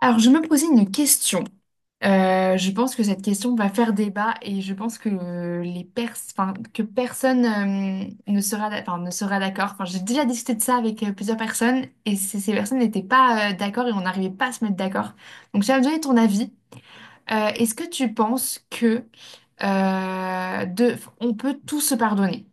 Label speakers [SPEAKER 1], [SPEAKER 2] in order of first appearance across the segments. [SPEAKER 1] Alors, je me posais une question. Je pense que cette question va faire débat et je pense que que personne ne sera, ne sera d'accord. Enfin, j'ai déjà discuté de ça avec plusieurs personnes et ces personnes n'étaient pas d'accord et on n'arrivait pas à se mettre d'accord. Donc, j'aimerais donner ton avis. Est-ce que tu penses que on peut tout se pardonner?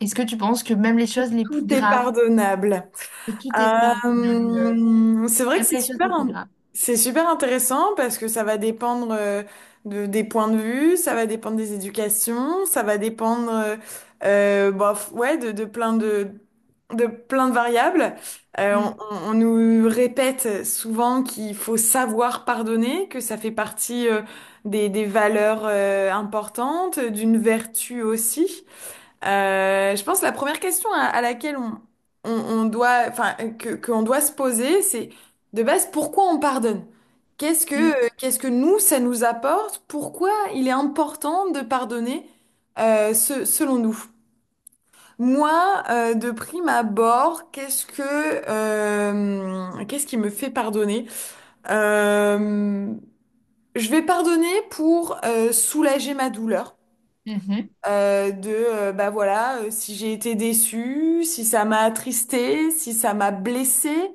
[SPEAKER 1] Est-ce que tu penses que même les choses les
[SPEAKER 2] Tout
[SPEAKER 1] plus
[SPEAKER 2] est
[SPEAKER 1] graves,
[SPEAKER 2] pardonnable.
[SPEAKER 1] que tout est pardonnable,
[SPEAKER 2] C'est vrai que
[SPEAKER 1] même les choses les plus graves?
[SPEAKER 2] c'est super intéressant parce que ça va dépendre des points de vue, ça va dépendre des éducations, ça va dépendre, bof, ouais, de plein de plein de variables. Euh, on,
[SPEAKER 1] Mm,
[SPEAKER 2] on- on nous répète souvent qu'il faut savoir pardonner, que ça fait partie des valeurs importantes, d'une vertu aussi. Je pense que la première question à laquelle on doit, enfin, qu'on doit se poser, c'est de base pourquoi on pardonne?
[SPEAKER 1] mm,
[SPEAKER 2] Qu'est-ce que nous, ça nous apporte? Pourquoi il est important de pardonner, selon nous? Moi, de prime abord, qu'est-ce qui me fait pardonner? Euh, je vais pardonner pour, soulager ma douleur
[SPEAKER 1] mhm.
[SPEAKER 2] de bah voilà si j'ai été déçue, si ça m'a attristée, si ça m'a blessée,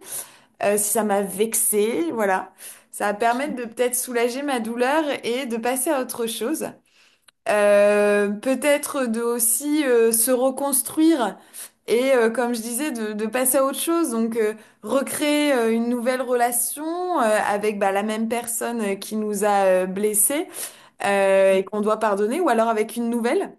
[SPEAKER 2] si ça m'a vexée, voilà. Ça va
[SPEAKER 1] Tout
[SPEAKER 2] permettre de
[SPEAKER 1] à-
[SPEAKER 2] peut-être soulager ma douleur et de passer à autre chose. Peut-être de aussi se reconstruire et comme je disais de passer à autre chose donc recréer une nouvelle relation avec bah, la même personne qui nous a blessés
[SPEAKER 1] Tout à
[SPEAKER 2] et qu'on doit pardonner ou alors avec une nouvelle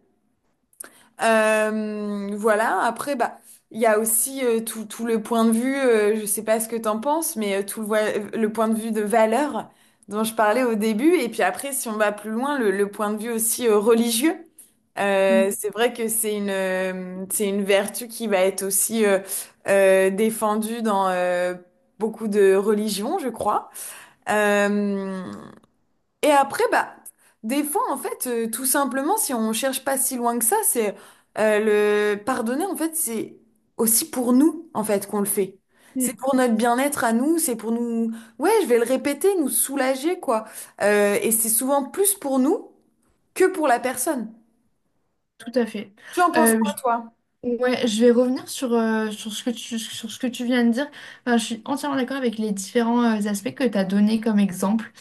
[SPEAKER 2] voilà, après, bah, il y a aussi tout, tout le point de vue, je sais pas ce que t'en penses, mais tout le point de vue de valeur dont je parlais au début, et puis après, si on va plus loin, le point de vue aussi religieux.
[SPEAKER 1] fait.
[SPEAKER 2] C'est vrai que c'est une vertu qui va être aussi défendue dans beaucoup de religions, je crois. Euh, et après, bah, des fois, en fait, tout simplement, si on cherche pas si loin que ça, c'est le pardonner, en fait, c'est aussi pour nous, en fait, qu'on le fait. C'est
[SPEAKER 1] Mm.
[SPEAKER 2] pour notre bien-être à nous, c'est pour nous, ouais, je vais le répéter, nous soulager, quoi. Et c'est souvent plus pour nous que pour la personne.
[SPEAKER 1] Tout à fait.
[SPEAKER 2] Tu en penses
[SPEAKER 1] Euh,
[SPEAKER 2] quoi,
[SPEAKER 1] je-
[SPEAKER 2] toi?
[SPEAKER 1] ouais, je vais revenir sur sur ce que tu viens de dire. Enfin, je suis entièrement d'accord avec les différents aspects que tu as donnés comme exemple.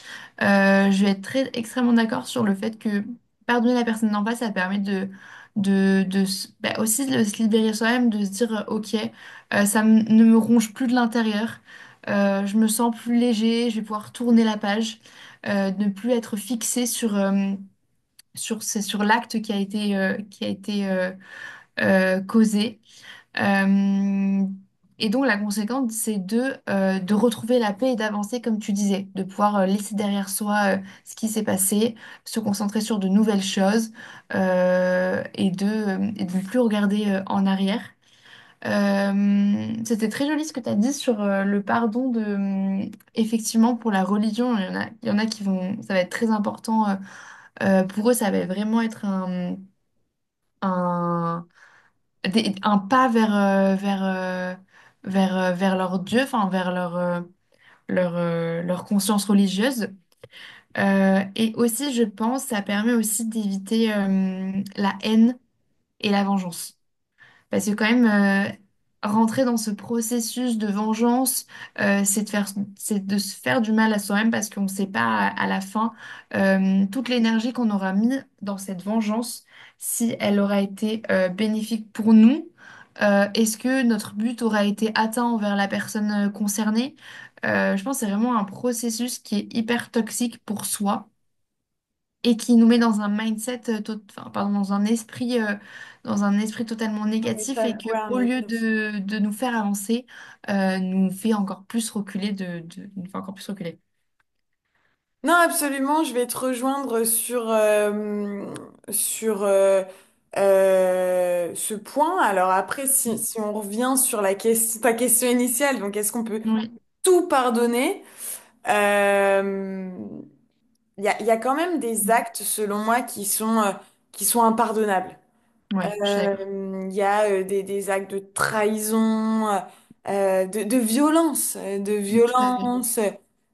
[SPEAKER 1] Je vais être très, extrêmement d'accord sur le fait que pardonner la personne d'en face, ça permet bah, aussi de se libérer soi-même, de se dire, OK, ne me ronge plus de l'intérieur. Je me sens plus léger, je vais pouvoir tourner la page, ne plus être fixé sur l'acte qui a été causé. Euh, et donc la conséquence, c'est de retrouver la paix et d'avancer, comme tu disais, de pouvoir laisser derrière soi ce qui s'est passé, se concentrer sur de nouvelles choses et de ne plus regarder en arrière. C'était très joli ce que tu as dit sur le pardon effectivement, pour la religion, il y en a ça va être très important pour eux, ça va vraiment être un, un pas vers leur Dieu, enfin leur conscience religieuse. Et aussi, je pense, ça permet aussi d'éviter la haine et la vengeance. Parce que quand même, rentrer dans ce processus de vengeance, euh, c'est de faire, c'est de se faire du mal à soi-même parce qu'on ne sait pas à la fin toute l'énergie qu'on aura mis dans cette vengeance, si elle aura été bénéfique pour nous. Est-ce que notre but aura été atteint envers la personne concernée? Je pense que c'est vraiment un processus qui est hyper toxique pour soi et qui nous met dans un mindset, enfin, pardon, dans un esprit totalement
[SPEAKER 2] Un
[SPEAKER 1] négatif et
[SPEAKER 2] étal,
[SPEAKER 1] que
[SPEAKER 2] ouais, un
[SPEAKER 1] au lieu
[SPEAKER 2] étal.
[SPEAKER 1] de nous faire avancer, nous fait encore plus reculer nous fait encore plus reculer.
[SPEAKER 2] Non, absolument, je vais te rejoindre sur, sur ce point. Alors après,
[SPEAKER 1] Mm.
[SPEAKER 2] si on revient sur la question, ta question initiale, donc est-ce qu'on peut
[SPEAKER 1] Oui.
[SPEAKER 2] tout pardonner? Euh, il y a quand même des
[SPEAKER 1] Mm.
[SPEAKER 2] actes, selon moi, qui sont impardonnables.
[SPEAKER 1] Ouais, je suis
[SPEAKER 2] Euh,
[SPEAKER 1] d'accord.
[SPEAKER 2] Il y a des actes de trahison, de violence, de
[SPEAKER 1] Mm, tout à fait.
[SPEAKER 2] violence,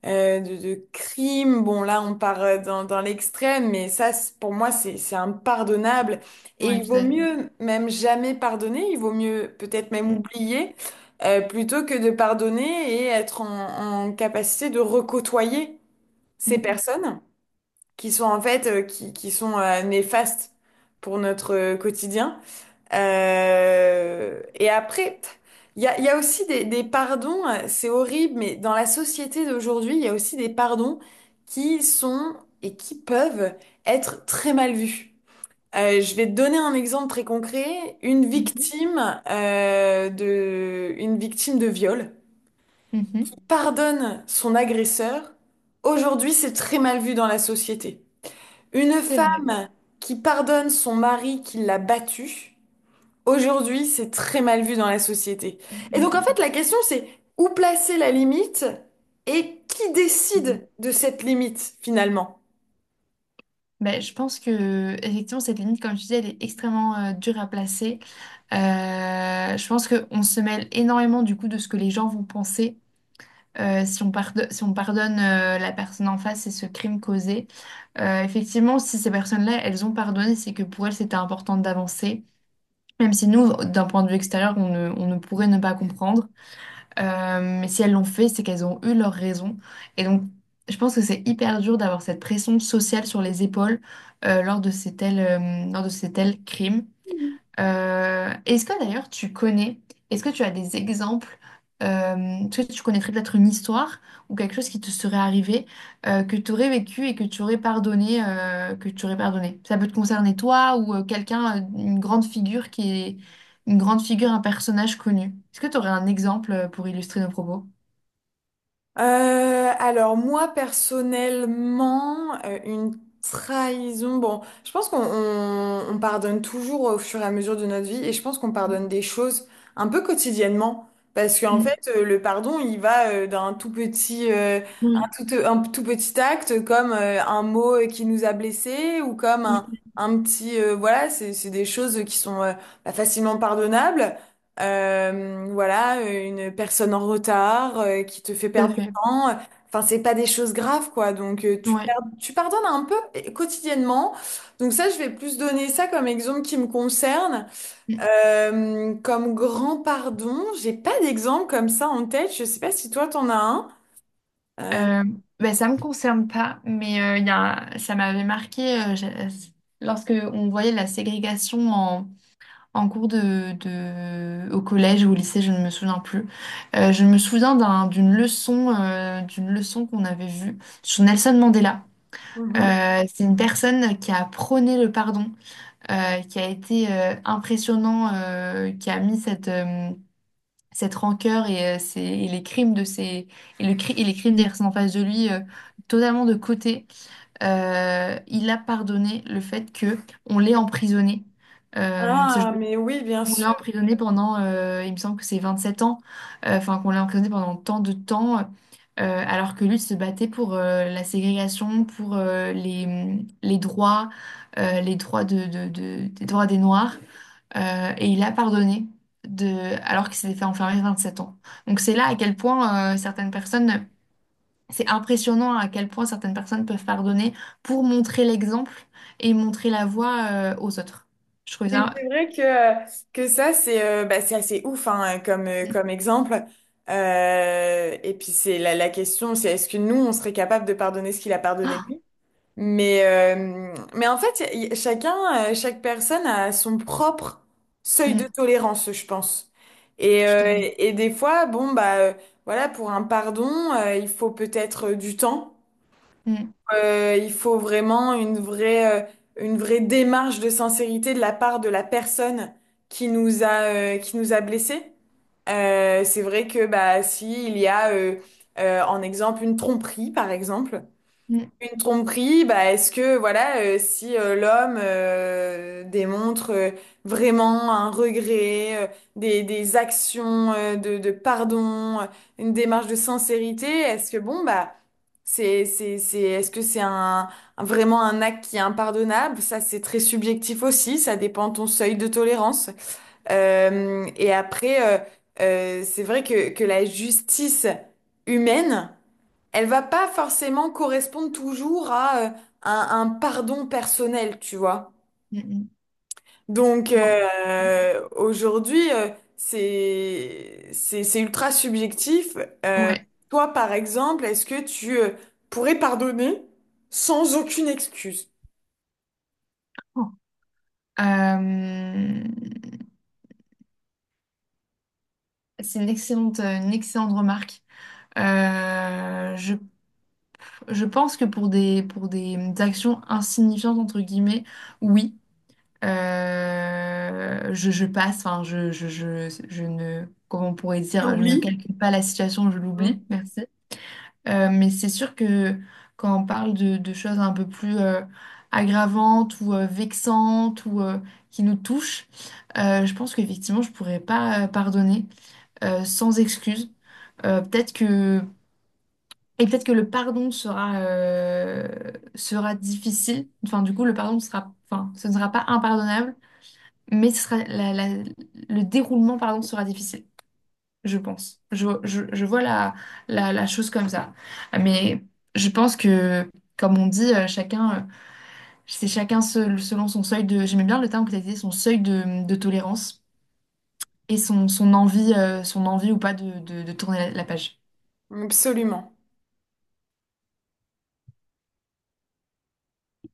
[SPEAKER 2] de crimes. Bon, là, on part dans, dans l'extrême, mais pour moi, c'est impardonnable. Et
[SPEAKER 1] Oui,
[SPEAKER 2] il
[SPEAKER 1] tout
[SPEAKER 2] vaut
[SPEAKER 1] à fait.
[SPEAKER 2] mieux même jamais pardonner, il vaut mieux peut-être même
[SPEAKER 1] Mm,
[SPEAKER 2] oublier, plutôt que de pardonner et être en, en capacité de recôtoyer ces
[SPEAKER 1] mm,
[SPEAKER 2] personnes qui sont en fait, qui sont néfastes pour notre quotidien. Et après, il y a aussi des pardons, c'est horrible, mais dans la société d'aujourd'hui, il y a aussi des pardons qui sont et qui peuvent être très mal vus. Je vais te donner un exemple très concret. Une
[SPEAKER 1] mhm,
[SPEAKER 2] victime, une victime de viol
[SPEAKER 1] mhm.
[SPEAKER 2] pardonne son agresseur. Aujourd'hui, c'est très mal vu dans la société. Une
[SPEAKER 1] C'est vrai.
[SPEAKER 2] femme qui pardonne son mari qui l'a battue. Aujourd'hui, c'est très mal vu dans la société.
[SPEAKER 1] Mm,
[SPEAKER 2] Et donc, en
[SPEAKER 1] mm,
[SPEAKER 2] fait, la question, c'est où placer la limite et qui
[SPEAKER 1] mm,
[SPEAKER 2] décide
[SPEAKER 1] mhm.
[SPEAKER 2] de cette limite, finalement?
[SPEAKER 1] Ben, je pense que effectivement cette limite, comme je disais, elle est extrêmement dure à placer. Je pense qu'on se mêle énormément du coup de ce que les gens vont penser si on pardonne, la personne en face et ce crime causé. Effectivement, si ces personnes-là, elles ont pardonné, c'est que pour elles, c'était important d'avancer. Même si nous, d'un point de vue extérieur, on ne pourrait ne pas comprendre. Mais si elles l'ont fait, c'est qu'elles ont eu leurs raisons. Et donc, je pense que c'est hyper dur d'avoir cette pression sociale sur les épaules lors de ces tels crimes. Euh, est-ce que d'ailleurs tu connais, Est-ce que tu as des exemples, euh, ce que tu connaîtrais peut-être une histoire ou quelque chose qui te serait arrivé, que tu aurais vécu et que tu aurais pardonné, que tu aurais pardonné. Ça peut te concerner toi ou quelqu'un, une grande figure, un personnage connu. Est-ce que tu aurais un exemple pour illustrer nos propos?
[SPEAKER 2] Alors moi personnellement, une trahison, bon, je pense qu'on on pardonne toujours au fur et à mesure de notre vie et je pense qu'on pardonne des choses un peu quotidiennement parce qu'en
[SPEAKER 1] Mm.
[SPEAKER 2] fait le pardon il va d'un tout petit
[SPEAKER 1] Oui.
[SPEAKER 2] un tout petit acte comme un mot qui nous a blessés ou comme
[SPEAKER 1] Mm.
[SPEAKER 2] un petit voilà c'est des choses qui sont bah, facilement pardonnables. Voilà, une personne en retard qui te fait
[SPEAKER 1] Tout à
[SPEAKER 2] perdre
[SPEAKER 1] fait.
[SPEAKER 2] hein, enfin, c'est pas des choses graves, quoi. Donc,
[SPEAKER 1] Ouais.
[SPEAKER 2] tu pardonnes un peu quotidiennement. Donc, ça, je vais plus donner ça comme exemple qui me concerne.
[SPEAKER 1] Mm.
[SPEAKER 2] Comme grand pardon, j'ai pas d'exemple comme ça en tête. Je sais pas si toi, t'en as un. Euh,
[SPEAKER 1] Euh, ben, ça me concerne pas, mais il y a, un- ça m'avait marqué lorsque on voyait la ségrégation en cours au collège ou au lycée, je ne me souviens plus. Je me souviens d'une leçon qu'on avait vue sur Nelson Mandela.
[SPEAKER 2] mhm.
[SPEAKER 1] C'est une personne qui a prôné le pardon, qui a été impressionnant, qui a mis cette rancœur et et les crimes de ses et, le cri- et les crimes des personnes en face de lui totalement de côté. Il a pardonné le fait que on l'ait emprisonné. Euh, ce-
[SPEAKER 2] Ah, mais oui, bien
[SPEAKER 1] on l'a
[SPEAKER 2] sûr.
[SPEAKER 1] emprisonné il me semble que c'est 27 ans. Enfin qu'on l'a emprisonné pendant tant de temps, alors que lui se battait pour la ségrégation, pour les droits, des droits des Noirs et il a pardonné de, alors qu'il s'était fait enfermer 27 ans. Donc c'est là à quel point c'est impressionnant à quel point certaines personnes peuvent pardonner pour montrer l'exemple et montrer la voie aux autres. Je trouve
[SPEAKER 2] Mais
[SPEAKER 1] ça.
[SPEAKER 2] c'est vrai que ça, c'est bah, c'est assez ouf hein, comme,
[SPEAKER 1] Mm.
[SPEAKER 2] comme exemple. Et puis, c'est la question, c'est est-ce que nous, on serait capable de pardonner ce qu'il a pardonné
[SPEAKER 1] Ah,
[SPEAKER 2] lui? Mais en fait, chacun, chaque personne a son propre seuil de
[SPEAKER 1] mm,
[SPEAKER 2] tolérance, je pense.
[SPEAKER 1] tout à fait.
[SPEAKER 2] Et des fois, bon, bah, voilà, pour un pardon, il faut peut-être du temps.
[SPEAKER 1] Mm,
[SPEAKER 2] Il faut vraiment une vraie démarche de sincérité de la part de la personne qui nous a, qui nous a blessés. C'est vrai que bah, si il y a, en exemple, une tromperie, par exemple,
[SPEAKER 1] mm,
[SPEAKER 2] une tromperie, bah, est-ce que voilà, si l'homme démontre vraiment un regret, des actions de pardon, une démarche de sincérité, est-ce que bon bah c'est est-ce que c'est un vraiment un acte qui est impardonnable? Ça c'est très subjectif aussi, ça dépend de ton seuil de tolérance. Et après, c'est vrai que la justice humaine elle va pas forcément correspondre toujours à un pardon personnel, tu vois.
[SPEAKER 1] mm, mm.
[SPEAKER 2] Donc
[SPEAKER 1] Non.
[SPEAKER 2] aujourd'hui, c'est ultra subjectif. Euh,
[SPEAKER 1] Ouais.
[SPEAKER 2] Toi, par exemple, est-ce que tu pourrais pardonner sans aucune excuse?
[SPEAKER 1] Oh. Euh, c'est une excellente remarque. Euh, je Je pense que pour des actions insignifiantes, entre guillemets, oui, je passe, enfin, je ne, comment on pourrait
[SPEAKER 2] Tu
[SPEAKER 1] dire, je ne
[SPEAKER 2] oublies?
[SPEAKER 1] calcule pas la situation, je
[SPEAKER 2] Hmm,
[SPEAKER 1] l'oublie, merci. Mais c'est sûr que quand on parle de choses un peu plus aggravantes ou vexantes ou qui nous touchent, je pense qu'effectivement, je pourrais pas pardonner sans excuse. Peut-être que et peut-être que le pardon sera difficile. Enfin, du coup, le pardon sera, enfin, ce ne sera pas impardonnable, mais ce sera le déroulement, pardon, sera difficile, je pense. Je vois la chose comme ça. Mais je pense que, comme on dit, chacun, selon son seuil j'aimais bien le terme que tu as dit, son seuil de tolérance et son envie ou pas de tourner la page.
[SPEAKER 2] absolument.